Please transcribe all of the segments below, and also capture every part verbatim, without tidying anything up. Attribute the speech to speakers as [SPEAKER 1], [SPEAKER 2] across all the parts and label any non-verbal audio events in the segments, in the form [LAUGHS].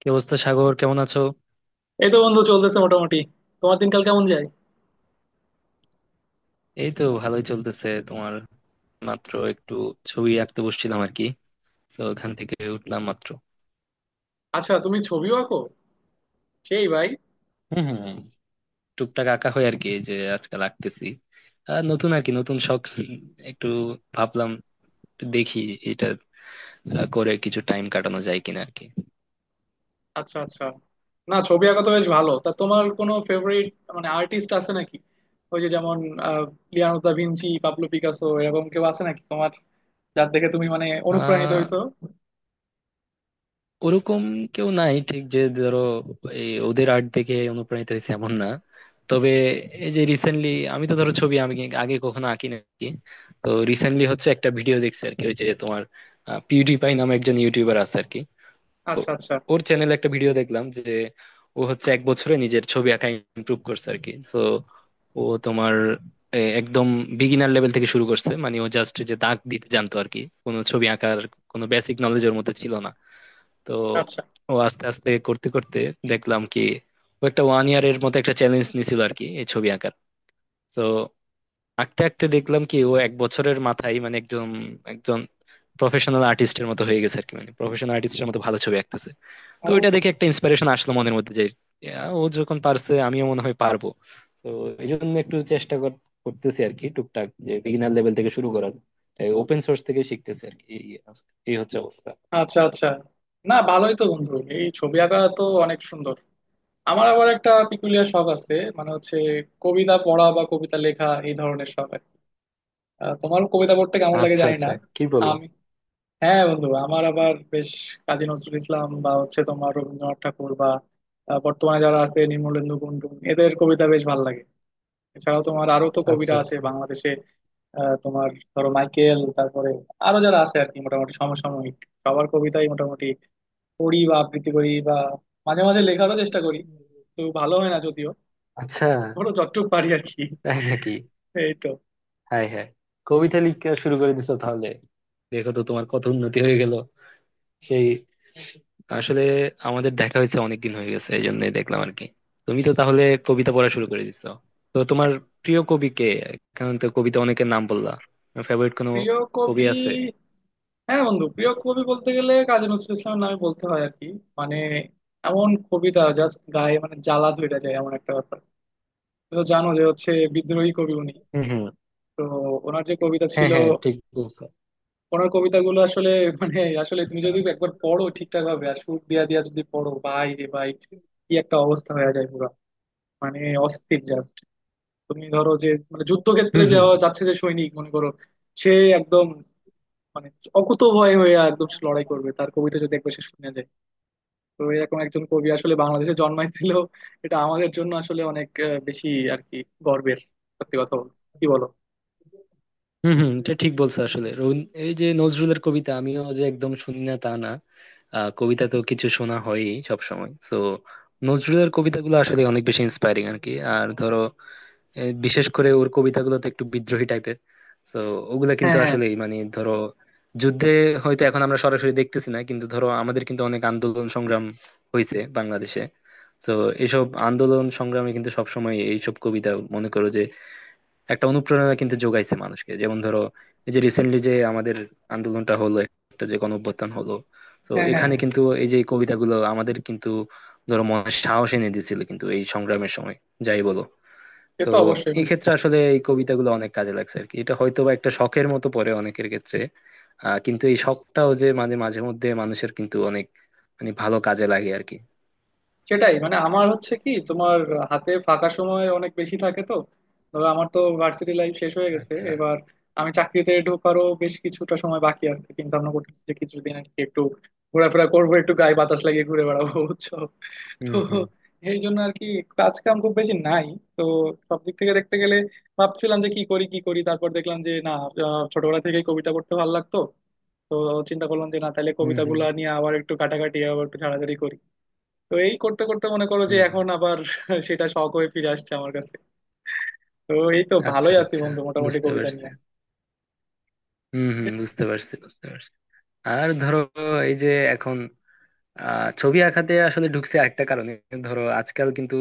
[SPEAKER 1] কি অবস্থা, সাগর? কেমন আছো?
[SPEAKER 2] এই তো বন্ধু চলতেছে মোটামুটি। তোমার দিনকাল কেমন যায়?
[SPEAKER 1] এই তো ভালোই চলতেছে। তোমার? মাত্র একটু ছবি আঁকতে বসছিলাম আর কি। তো ওখান থেকে উঠলাম মাত্র।
[SPEAKER 2] আচ্ছা তুমি ছবিও আঁকো? সেই ভাই।
[SPEAKER 1] হম হম। টুকটাক আঁকা হয় আর কি, এই যে আজকাল আঁকতেছি। আর নতুন, আর কি, নতুন শখ। একটু ভাবলাম, একটু দেখি এটা আহ, করে কিছু টাইম কাটানো যায় কিনা আর কি।
[SPEAKER 2] আচ্ছা আচ্ছা। না ছবি আঁকা তো বেশ ভালো। তা তোমার কোনো ফেভারিট মানে আর্টিস্ট আছে নাকি? ওই যে যেমন আহ Leonardo da Vinci, Pablo Picasso এরকম কেউ আছে নাকি তোমার, যার দেখে তুমি মানে অনুপ্রাণিত
[SPEAKER 1] আহ
[SPEAKER 2] হইতো?
[SPEAKER 1] ওরকম কেউ নাই, ঠিক যে ধরো এই ওদের আর্ট দেখে অনুপ্রাণিত হয়েছে এমন না। তবে এই যে রিসেন্টলি, আমি তো ধরো ছবি আমি আগে কখনো আঁকি না আরকি। তো রিসেন্টলি হচ্ছে একটা ভিডিও দেখছি আর কি, ওই যে তোমার পিউডিপাই নামে একজন ইউটিউবার আছে আর কি। তো
[SPEAKER 2] আচ্ছা আচ্ছা।
[SPEAKER 1] ওর চ্যানেলে একটা ভিডিও দেখলাম যে ও হচ্ছে এক বছরে নিজের ছবি আঁকা ইমপ্রুভ করছে আর কি। তো ও তোমার এ, একদম বিগিনার লেভেল থেকে শুরু করছে। মানে ও জাস্ট যে দাগ দিতে জানতো আর কি, কোনো ছবি আঁকার কোনো বেসিক নলেজ ওর মধ্যে ছিল না। তো
[SPEAKER 2] আচ্ছা।
[SPEAKER 1] ও আস্তে আস্তে করতে করতে দেখলাম কি ও একটা ওয়ান ইয়ারের মতো একটা চ্যালেঞ্জ নিছিল আর কি, এই ছবি আঁকার। তো আঁকতে আঁকতে দেখলাম কি ও এক বছরের মাথায় মানে একজন একজন প্রফেশনাল আর্টিস্টের মতো হয়ে গেছে আর কি। মানে প্রফেশনাল আর্টিস্টের মতো ভালো ছবি আঁকতেছে। তো ওইটা
[SPEAKER 2] ও।
[SPEAKER 1] দেখে একটা ইন্সপিরেশন আসলো মনের মধ্যে যে ইয়া, ও যখন পারছে আমিও মনে হয় পারবো। তো এই জন্য একটু চেষ্টা কর- করতেছি আর কি টুকটাক, যে বিগিনার লেভেল থেকে শুরু করার। ওপেন সোর্স থেকে শিখতেছি আর কি। এই এই হচ্ছে অবস্থা।
[SPEAKER 2] আচ্ছা আচ্ছা। না ভালোই তো বন্ধু, এই ছবি আঁকা তো অনেক সুন্দর। আমার আবার একটা পিকুলিয়ার শখ আছে, মানে হচ্ছে কবিতা পড়া বা কবিতা লেখা এই ধরনের শখ আর কি। আহ, তোমার কবিতা পড়তে কেমন লাগে
[SPEAKER 1] আচ্ছা
[SPEAKER 2] জানি না।
[SPEAKER 1] আচ্ছা। কি বলো?
[SPEAKER 2] আমি, হ্যাঁ বন্ধু আমার আবার বেশ কাজী নজরুল ইসলাম বা হচ্ছে তোমার রবীন্দ্রনাথ ঠাকুর বা আহ, বর্তমানে যারা আছে নির্মলেন্দু গুণটুন এদের কবিতা বেশ ভালো লাগে। এছাড়াও তোমার আরো তো কবিরা
[SPEAKER 1] আচ্ছা
[SPEAKER 2] আছে
[SPEAKER 1] আচ্ছা।
[SPEAKER 2] বাংলাদেশে। আহ, তোমার ধরো মাইকেল, তারপরে আরো যারা আছে আর কি মোটামুটি সমসাময়িক সবার কবিতাই মোটামুটি পড়ি বা আবৃত্তি করি বা মাঝে মাঝে লেখারও চেষ্টা করি। তো ভালো হয় না যদিও।
[SPEAKER 1] আচ্ছা।
[SPEAKER 2] ধরো যতটুকু পারি আর কি।
[SPEAKER 1] তাই নাকি?
[SPEAKER 2] এই তো।
[SPEAKER 1] হাই হাই। কবিতা লিখতে শুরু করে দিছো তাহলে? দেখো তো তোমার কত উন্নতি হয়ে গেল। সেই। আসলে আমাদের দেখা হয়েছে অনেকদিন হয়ে গেছে, এই জন্যই দেখলাম আর কি। তুমি তো তাহলে কবিতা পড়া শুরু করে দিছো। তো তোমার প্রিয় কবি কে? কারণ তো কবিতা অনেকের নাম বললা, ফেভারিট কোনো
[SPEAKER 2] প্রিয়
[SPEAKER 1] কবি
[SPEAKER 2] কবি?
[SPEAKER 1] আছে?
[SPEAKER 2] হ্যাঁ বন্ধু, প্রিয় কবি বলতে গেলে কাজী নজরুল ইসলামের নামে বলতে হয় আর কি। মানে এমন কবিতা জাস্ট গায়ে মানে জ্বালা ধরে যায় এমন একটা ব্যাপার। তুমি তো জানো যে হচ্ছে বিদ্রোহী কবি উনি।
[SPEAKER 1] হুম হুম।
[SPEAKER 2] তো ওনার যে কবিতা
[SPEAKER 1] হ্যাঁ
[SPEAKER 2] ছিল
[SPEAKER 1] হ্যাঁ, ঠিক বলছো।
[SPEAKER 2] ওনার কবিতাগুলো আসলে [LAUGHS] মানে আসলে তুমি যদি একবার পড়ো ঠিকঠাক ভাবে আর সুর দিয়া দিয়া যদি পড়ো ভাই রে ভাই, কি একটা অবস্থা হয়ে যায় পুরো। মানে অস্থির জাস্ট। তুমি ধরো যে মানে যুদ্ধক্ষেত্রে
[SPEAKER 1] হুম হুম।
[SPEAKER 2] যাওয়া যাচ্ছে যে সৈনিক মনে করো, সে একদম মানে অকুত ভয় হয়ে একদম সে লড়াই করবে তার কবিতা যদি একবার সে শুনে যায়। তো এরকম একজন কবি আসলে বাংলাদেশে জন্মাইছিল। এটা আমাদের জন্য আসলে অনেক আহ, বেশি আর কি গর্বের, সত্যি কথা বলতে কি বলো।
[SPEAKER 1] হম হম, এটা ঠিক বলছো। আসলে রবীন- এই যে নজরুলের কবিতা আমিও যে একদম শুনি না তা না। আহ, কবিতা তো কিছু শোনা হয়ই সব সময় তো। নজরুলের কবিতাগুলো আসলে অনেক বেশি ইন্সপায়ারিং আর কি। আর ধরো এ, বিশেষ করে ওর কবিতাগুলো তো একটু বিদ্রোহী টাইপের। তো ওগুলা
[SPEAKER 2] হ্যাঁ
[SPEAKER 1] কিন্তু
[SPEAKER 2] হ্যাঁ
[SPEAKER 1] আসলেই মানে ধরো, যুদ্ধে হয়তো এখন আমরা সরাসরি দেখতেছি না, কিন্তু ধরো আমাদের কিন্তু অনেক আন্দোলন সংগ্রাম হয়েছে বাংলাদেশে। তো এইসব আন্দোলন সংগ্রামে কিন্তু সবসময় এইসব কবিতা, মনে করো, একটা অনুপ্রেরণা কিন্তু যোগাইছে মানুষকে। যেমন ধরো এই যে রিসেন্টলি যে আমাদের আন্দোলনটা হলো, একটা যে গণ অভ্যুত্থান হলো, তো
[SPEAKER 2] হ্যাঁ হ্যাঁ
[SPEAKER 1] এখানে
[SPEAKER 2] হ্যাঁ।
[SPEAKER 1] কিন্তু এই যে কবিতাগুলো আমাদের কিন্তু ধরো মনে সাহস এনে দিয়েছিল কিন্তু এই সংগ্রামের সময়, যাই বলো।
[SPEAKER 2] এ
[SPEAKER 1] তো
[SPEAKER 2] তো অবশ্যই
[SPEAKER 1] এই
[SPEAKER 2] বন্ধু।
[SPEAKER 1] ক্ষেত্রে আসলে এই কবিতাগুলো অনেক কাজে লাগছে আর কি। এটা হয়তো বা একটা শখের মতো পড়ে অনেকের ক্ষেত্রে, আহ কিন্তু এই শখটাও যে মানে মাঝে মধ্যে মানুষের কিন্তু অনেক মানে ভালো কাজে লাগে আর কি।
[SPEAKER 2] সেটাই, মানে আমার হচ্ছে কি তোমার হাতে ফাঁকা সময় অনেক বেশি থাকে তো। ধরো আমার তো ভার্সিটি লাইফ শেষ হয়ে গেছে
[SPEAKER 1] আচ্ছা।
[SPEAKER 2] এবার। আমি চাকরিতে ঢোকারও বেশ কিছুটা সময় বাকি আছে, চিন্তা ভাবনা করতেছি যে কিছুদিন আর কি একটু ঘোরাফেরা করবো, একটু গায়ে বাতাস লাগিয়ে ঘুরে বেড়াবো বুঝছো। তো
[SPEAKER 1] হুম হুম।
[SPEAKER 2] এই জন্য আর কি কাজ কাম খুব বেশি নাই। তো সব দিক থেকে দেখতে গেলে ভাবছিলাম যে কি করি কি করি, তারপর দেখলাম যে না, আহ, ছোটবেলা থেকেই কবিতা করতে ভালো লাগতো। তো চিন্তা করলাম যে না তাহলে
[SPEAKER 1] হুম হুম।
[SPEAKER 2] কবিতাগুলো নিয়ে আবার একটু কাটাকাটি আবার একটু ঝাড়াঝাড়ি করি। তো এই করতে করতে মনে করো যে
[SPEAKER 1] হুম হুম।
[SPEAKER 2] এখন আবার [LAUGHS] সেটা শখ হয়ে ফিরে আসছে আমার কাছে। তো এই তো
[SPEAKER 1] আচ্ছা
[SPEAKER 2] ভালোই আছি
[SPEAKER 1] আচ্ছা,
[SPEAKER 2] বন্ধু মোটামুটি
[SPEAKER 1] বুঝতে
[SPEAKER 2] কবিতা
[SPEAKER 1] পারছি।
[SPEAKER 2] নিয়ে।
[SPEAKER 1] হম হম, বুঝতে পারছি বুঝতে পারছি। আর ধরো এই যে এখন আহ ছবি আঁকাতে আসলে ঢুকছে আরেকটা কারণে। ধরো আজকাল কিন্তু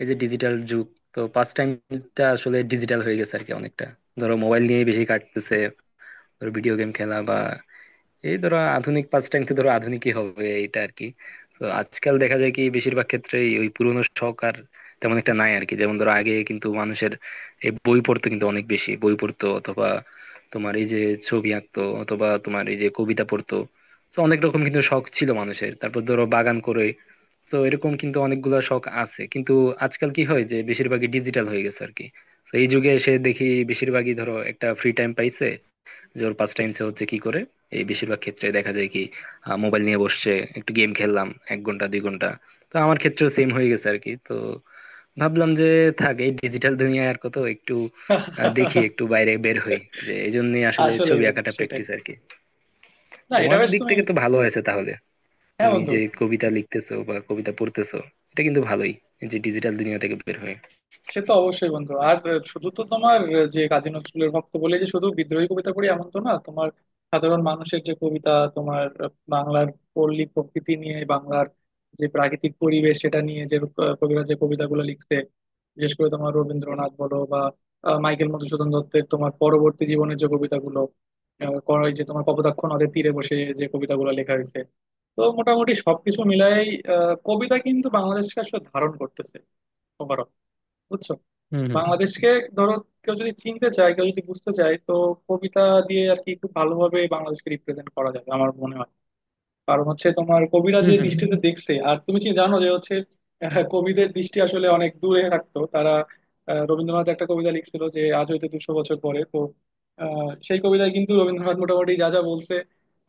[SPEAKER 1] এই যে ডিজিটাল যুগ, তো পাস টাইমটা আসলে ডিজিটাল হয়ে গেছে আর কি অনেকটা। ধরো মোবাইল নিয়ে বেশি কাটতেছে, ধরো ভিডিও গেম খেলা বা এই, ধরো আধুনিক পাঁচ টাইমতে, ধরো আধুনিকই হবে এটা আর কি। তো আজকাল দেখা যায় কি বেশিরভাগ ক্ষেত্রে ওই পুরোনো শখ আর তেমন একটা নাই আর কি। যেমন ধরো আগে কিন্তু মানুষের এই বই পড়তো, কিন্তু অনেক বেশি বই পড়তো, অথবা তোমার এই যে ছবি আঁকতো, অথবা তোমার এই যে কবিতা পড়তো। তো অনেক রকম কিন্তু শখ ছিল মানুষের, তারপর ধরো বাগান করে, তো এরকম কিন্তু অনেকগুলা শখ আছে কিন্তু। আজকাল কি হয় যে বেশিরভাগই ডিজিটাল হয়ে গেছে আর কি। তো এই যুগে এসে দেখি বেশিরভাগই ধরো একটা ফ্রি টাইম পাইছে, যে ওর পাস টাইম সে হচ্ছে কি করে, এই বেশিরভাগ ক্ষেত্রে দেখা যায় কি মোবাইল নিয়ে বসছে। একটু গেম খেললাম এক ঘন্টা দুই ঘন্টা। তো আমার ক্ষেত্রেও সেম হয়ে গেছে আর কি। তো ভাবলাম যে থাক, এই ডিজিটাল দুনিয়ায় আর কত, একটু আহ, দেখি
[SPEAKER 2] [LAUGHS]
[SPEAKER 1] একটু বাইরে বের হই, যে এই জন্যই আসলে
[SPEAKER 2] আসলেই
[SPEAKER 1] ছবি
[SPEAKER 2] বন্ধু
[SPEAKER 1] আঁকাটা
[SPEAKER 2] সেটাই।
[SPEAKER 1] প্র্যাকটিস আর কি।
[SPEAKER 2] না এটা
[SPEAKER 1] তোমার
[SPEAKER 2] বেশ,
[SPEAKER 1] দিক
[SPEAKER 2] তুমি,
[SPEAKER 1] থেকে তো ভালো হয়েছে তাহলে,
[SPEAKER 2] হ্যাঁ
[SPEAKER 1] তুমি
[SPEAKER 2] বন্ধু,
[SPEAKER 1] যে কবিতা লিখতেছো বা কবিতা পড়তেছো, এটা কিন্তু ভালোই, এই যে ডিজিটাল দুনিয়া থেকে বের হয়ে।
[SPEAKER 2] সে তো অবশ্যই বন্ধু। আর শুধু তো তোমার যে কাজী নজরুলের ভক্ত বলে যে শুধু বিদ্রোহী কবিতা পড়ি এমন তো না। তোমার সাধারণ মানুষের যে কবিতা, তোমার বাংলার পল্লী প্রকৃতি নিয়ে, বাংলার যে প্রাকৃতিক পরিবেশ সেটা নিয়ে যে কবিরা যে কবিতাগুলো লিখছে, বিশেষ করে তোমার রবীন্দ্রনাথ বলো বা আহ, মাইকেল মধুসূদন দত্তের তোমার পরবর্তী জীবনের যে কবিতাগুলো, আহ, কর- ওই যে তোমার কপোতাক্ষ নদের তীরে বসে যে কবিতাগুলো লেখা হয়েছে। তো মোটামুটি সবকিছু মিলাই কবিতা কিন্তু বাংলাদেশকে আসলে ধারণ করতেছে ওভারঅল, বুঝছো,
[SPEAKER 1] হুম হুম।
[SPEAKER 2] বাংলাদেশকে। ধরো কেউ যদি চিনতে চায় কেউ যদি বুঝতে চায়, তো কবিতা দিয়ে আর কি খুব ভালোভাবে বাংলাদেশকে রিপ্রেজেন্ট করা যাবে আমার মনে হয়। কারণ হচ্ছে তোমার কবিরা
[SPEAKER 1] হুম
[SPEAKER 2] যে
[SPEAKER 1] হুম।
[SPEAKER 2] দৃষ্টিতে দেখছে, আর তুমি কি জানো যে হচ্ছে আহ, কবিদের দৃষ্টি আসলে অনেক দূরে থাকতো। তারা, আহ, রবীন্দ্রনাথ একটা কবিতা লিখছিল যে আজ হইতে দুশো বছর পরে, তো আহ, সেই কবিতায় কিন্তু রবীন্দ্রনাথ মোটামুটি যা যা বলছে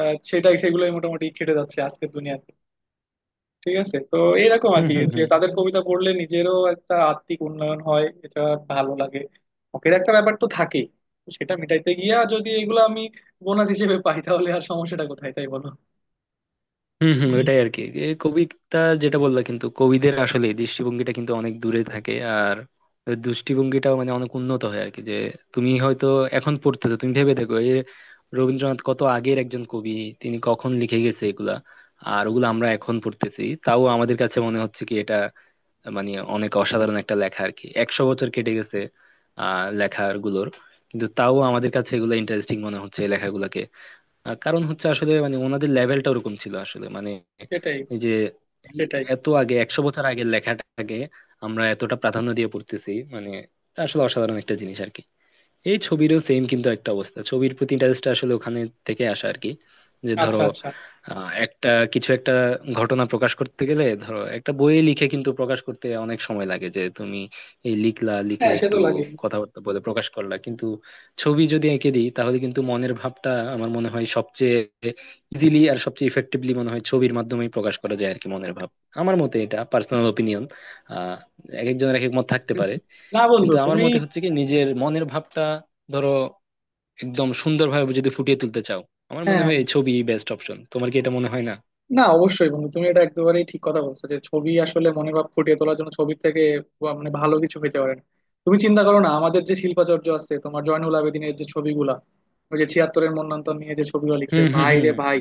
[SPEAKER 2] আহ, সেটাই সেগুলোই মোটামুটি খেটে যাচ্ছে আজকের দুনিয়াতে। ঠিক আছে তো এইরকম আর
[SPEAKER 1] হুম
[SPEAKER 2] কি,
[SPEAKER 1] হুম। হুম
[SPEAKER 2] যে
[SPEAKER 1] হুম।
[SPEAKER 2] তাদের কবিতা পড়লে নিজেরও একটা আত্মিক উন্নয়ন হয়, এটা ভালো লাগে। শখের একটা ব্যাপার তো থাকেই, তো সেটা মেটাইতে গিয়া যদি এগুলো আমি বোনাস হিসেবে পাই, তাহলে আর সমস্যাটা কোথায় তাই বলো।
[SPEAKER 1] হম হম,
[SPEAKER 2] হুম।
[SPEAKER 1] ওটাই আর কি। এ কবিতা যেটা বললা কিন্তু, কবিদের আসলে দৃষ্টিভঙ্গিটা কিন্তু অনেক দূরে থাকে, আর দৃষ্টিভঙ্গিটাও মানে অনেক উন্নত হয় আর কি। যে তুমি হয়তো এখন পড়তেছো, তুমি ভেবে দেখো, এ রবীন্দ্রনাথ কত আগের একজন কবি, তিনি কখন লিখে গেছে এগুলা, আর ওগুলো আমরা এখন পড়তেছি। তাও আমাদের কাছে মনে হচ্ছে কি এটা মানে অনেক অসাধারণ একটা লেখা আর কি, একশো বছর কেটে গেছে আহ লেখার গুলোর। কিন্তু তাও আমাদের কাছে এগুলো ইন্টারেস্টিং মনে হচ্ছে এই লেখাগুলোকে। আহ কারণ হচ্ছে আসলে মানে ওনাদের লেভেলটা ওরকম ছিল আসলে মানে।
[SPEAKER 2] সেটাই।
[SPEAKER 1] এই যে এই
[SPEAKER 2] সেটাই।
[SPEAKER 1] এত আগে একশো বছর আগের লেখাটাকে আমরা এতটা প্রাধান্য দিয়ে পড়তেছি, মানে এটা আসলে অসাধারণ একটা জিনিস আর কি। এই ছবিরও সেম কিন্তু একটা অবস্থা। ছবির প্রতি ইন্টারেস্টটা আসলে ওখানে থেকে আসা আর কি, যে ধরো
[SPEAKER 2] আচ্ছা আচ্ছা।
[SPEAKER 1] আহ, একটা কিছু একটা ঘটনা প্রকাশ করতে গেলে ধরো একটা বইয়ে লিখে কিন্তু প্রকাশ করতে অনেক সময় লাগে। যে তুমি এই লিখলা, লিখে
[SPEAKER 2] হ্যাঁ সে তো
[SPEAKER 1] একটু
[SPEAKER 2] লাগে।
[SPEAKER 1] কথাবার্তা বলে প্রকাশ করলা, কিন্তু ছবি যদি এঁকে দিই তাহলে কিন্তু মনের ভাবটা আমার মনে হয় সবচেয়ে ইজিলি আর সবচেয়ে ইফেক্টিভলি মনে হয় ছবির মাধ্যমেই প্রকাশ করা যায় আর কি, মনের ভাব। আমার মতে এটা পার্সোনাল ওপিনিয়ন। আহ এক একজনের এক এক মত থাকতে পারে,
[SPEAKER 2] না বন্ধু
[SPEAKER 1] কিন্তু আমার
[SPEAKER 2] তুমি,
[SPEAKER 1] মতে হচ্ছে কি নিজের মনের ভাবটা ধরো একদম সুন্দরভাবে যদি ফুটিয়ে তুলতে চাও, আমার মনে
[SPEAKER 2] হ্যাঁ,
[SPEAKER 1] হয় এই ছবি বেস্ট অপশন। তোমার কি এটা মনে হয় না?
[SPEAKER 2] না অবশ্যই বন্ধু তুমি এটা একেবারেই ঠিক কথা বলছো যে ছবি আসলে মনের ভাব ফুটিয়ে তোলার জন্য ছবির থেকে বা মানে ভালো কিছু হইতে পারে না। তুমি চিন্তা করো না, আমাদের যে শিল্পাচার্য আছে তোমার জয়নুল আবেদিনের যে ছবিগুলা, ওই যে ছিয়াত্তরের মন্বন্তর নিয়ে যে ছবিগুলো লিখছে,
[SPEAKER 1] হুম হুম।
[SPEAKER 2] ভাই
[SPEAKER 1] হুম
[SPEAKER 2] রে ভাই,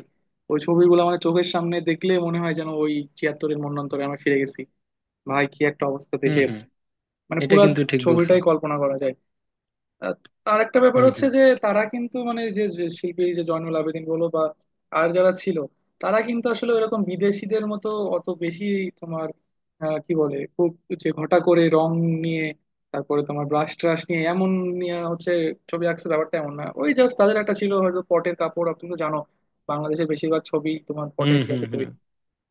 [SPEAKER 2] ওই ছবিগুলো মানে চোখের সামনে দেখলে মনে হয় যেন ওই ছিয়াত্তরের মন্বন্তরে আমরা ফিরে গেছি। ভাই কি একটা অবস্থা
[SPEAKER 1] হুম
[SPEAKER 2] দেশের,
[SPEAKER 1] হুম,
[SPEAKER 2] মানে
[SPEAKER 1] এটা
[SPEAKER 2] পুরা
[SPEAKER 1] কিন্তু ঠিক বলছো।
[SPEAKER 2] ছবিটাই কল্পনা করা যায়। আহ, আর একটা ব্যাপার
[SPEAKER 1] হুম
[SPEAKER 2] হচ্ছে
[SPEAKER 1] হুম।
[SPEAKER 2] যে তারা কিন্তু মানে যে যে শিল্পী, যে জয়নুল আবেদিন বলো বা আর যারা ছিল, তারা কিন্তু আসলে এরকম বিদেশিদের মতো অত বেশি তোমার আহ, কি বলে খুব যে ঘটা করে রং নিয়ে, তারপরে তোমার ব্রাশ ট্রাশ নিয়ে এমন নিয়ে হচ্ছে ছবি আঁকছে ব্যাপারটা এমন না। ওই জাস্ট তাদের একটা ছিল হয়তো পটের কাপড়, আর তুমি তো জানো বাংলাদেশের বেশিরভাগ ছবি তোমার
[SPEAKER 1] হুম
[SPEAKER 2] পটের
[SPEAKER 1] হুম।
[SPEAKER 2] ইয়াতে
[SPEAKER 1] হুম
[SPEAKER 2] তৈরি।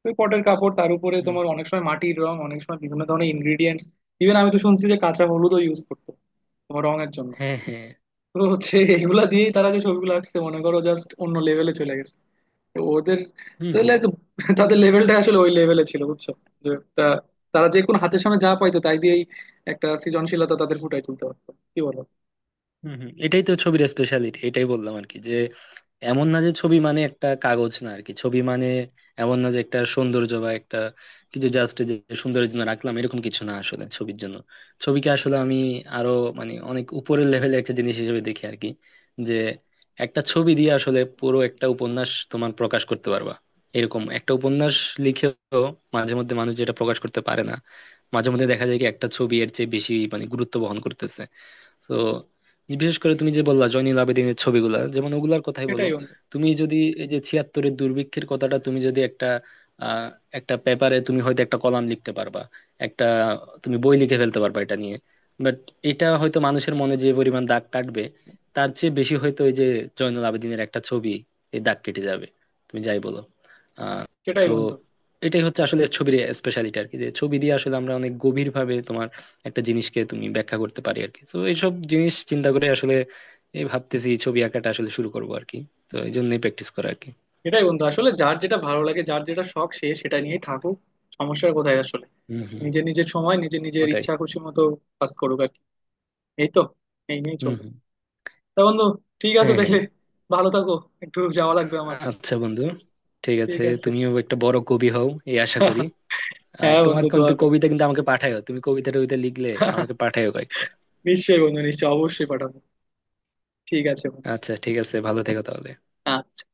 [SPEAKER 2] ওই পটের কাপড় তার উপরে
[SPEAKER 1] হুম।
[SPEAKER 2] তোমার অনেক সময় মাটির রং, অনেক সময় বিভিন্ন ধরনের ইনগ্রিডিয়েন্টস, ইভেন আমি তো শুনছি যে কাঁচা হলুদও ইউজ করতো তোমার রঙের জন্য।
[SPEAKER 1] হ্যাঁ হ্যাঁ।
[SPEAKER 2] তো হচ্ছে এগুলা দিয়েই তারা যে ছবিগুলো আঁকছে মনে করো জাস্ট অন্য লেভেলে চলে গেছে। তো ওদের,
[SPEAKER 1] হুম
[SPEAKER 2] তাহলে
[SPEAKER 1] হুম।
[SPEAKER 2] তো [LAUGHS] তাদের লেভেলটা আসলে ওই লেভেলে ছিল বুঝছো। যে একটা, তারা যে কোনো হাতের সামনে যা পাইতো তাই দিয়েই একটা সৃজনশীলতা তাদের ফুটাই তুলতে পারতো, কি বলো।
[SPEAKER 1] হম হম, এটাই তো ছবির স্পেশালিটি, এটাই বললাম আর কি। যে এমন না যে ছবি মানে একটা কাগজ না আর কি। ছবি মানে, এমন না যে একটা সৌন্দর্য বা একটা কিছু জাস্ট যে সৌন্দর্যের জন্য রাখলাম এরকম কিছু না আসলে ছবির জন্য। ছবিকে আসলে আমি আরো মানে অনেক উপরের লেভেলের একটা জিনিস হিসেবে দেখি আর কি, যে একটা ছবি দিয়ে আসলে পুরো একটা উপন্যাস তোমার প্রকাশ করতে পারবা। এরকম একটা উপন্যাস লিখেও মাঝে মধ্যে মানুষ যেটা প্রকাশ করতে পারে না, মাঝে মধ্যে দেখা যায় কি একটা ছবি এর চেয়ে বেশি মানে গুরুত্ব বহন করতেছে। তো বিশেষ করে তুমি যে বললা জয়নুল আবেদিনের ছবিগুলা, যেমন ওগুলার কথাই বলো।
[SPEAKER 2] এটাই বন্ধু।
[SPEAKER 1] তুমি যদি এই যে ছিয়াত্তরের দুর্ভিক্ষের কথাটা, তুমি যদি একটা আহ একটা পেপারে তুমি হয়তো একটা কলাম লিখতে পারবা, একটা, তুমি বই লিখে ফেলতে পারবা এটা নিয়ে। বাট এটা হয়তো মানুষের মনে যে পরিমাণ দাগ কাটবে, তার চেয়ে বেশি হয়তো ওই যে জয়নুল আবেদিনের একটা ছবি এই দাগ কেটে যাবে, তুমি যাই বলো। আহ
[SPEAKER 2] এটাই
[SPEAKER 1] তো
[SPEAKER 2] বন্ধু।
[SPEAKER 1] এটাই হচ্ছে আসলে ছবির স্পেশালিটি আর কি, যে ছবি দিয়ে আসলে আমরা অনেক গভীর ভাবে তোমার একটা জিনিসকে তুমি ব্যাখ্যা করতে পারি আর কি। তো এইসব জিনিস চিন্তা করে আসলে এই ভাবতেছি ছবি আঁকাটা আসলে শুরু করবো আর কি। তো এই জন্যই প্র্যাকটিস করা আর কি।
[SPEAKER 2] এটাই বন্ধু আসলে যার যেটা ভালো লাগে যার যেটা শখ সে সেটা নিয়েই থাকুক, সমস্যার কোথায় আসলে।
[SPEAKER 1] হম হম,
[SPEAKER 2] নিজের নিজের সময় নিজের নিজের
[SPEAKER 1] ওটাই।
[SPEAKER 2] ইচ্ছা খুশি মতো কাজ করুক আর কি। এই তো, এই নিয়েই
[SPEAKER 1] হম
[SPEAKER 2] চলবে।
[SPEAKER 1] হম।
[SPEAKER 2] তা বন্ধু, ঠিক আছে
[SPEAKER 1] হ্যাঁ
[SPEAKER 2] দেখলে,
[SPEAKER 1] হ্যাঁ।
[SPEAKER 2] ভালো থাকো, একটু যাওয়া লাগবে আমার।
[SPEAKER 1] আ- আচ্ছা বন্ধু, ঠিক
[SPEAKER 2] ঠিক
[SPEAKER 1] আছে।
[SPEAKER 2] আছে।
[SPEAKER 1] তুমিও একটা বড় কবি হও, এই আশা করি।
[SPEAKER 2] [LAUGHS]
[SPEAKER 1] আর
[SPEAKER 2] হ্যাঁ
[SPEAKER 1] তোমার
[SPEAKER 2] বন্ধু দোয়া
[SPEAKER 1] কিন্তু
[SPEAKER 2] করি।
[SPEAKER 1] কবিতা কিন্তু আমাকে পাঠায়ো, তুমি কবিতা টবিতা লিখলে আমাকে
[SPEAKER 2] [LAUGHS]
[SPEAKER 1] পাঠায়ো কয়েকটা।
[SPEAKER 2] নিশ্চয়ই বন্ধু নিশ্চয়ই, অবশ্যই পাঠাবো। ঠিক আছে বন্ধু।
[SPEAKER 1] আচ্ছা ঠিক আছে, ভালো থেকো তাহলে।
[SPEAKER 2] আচ্ছা।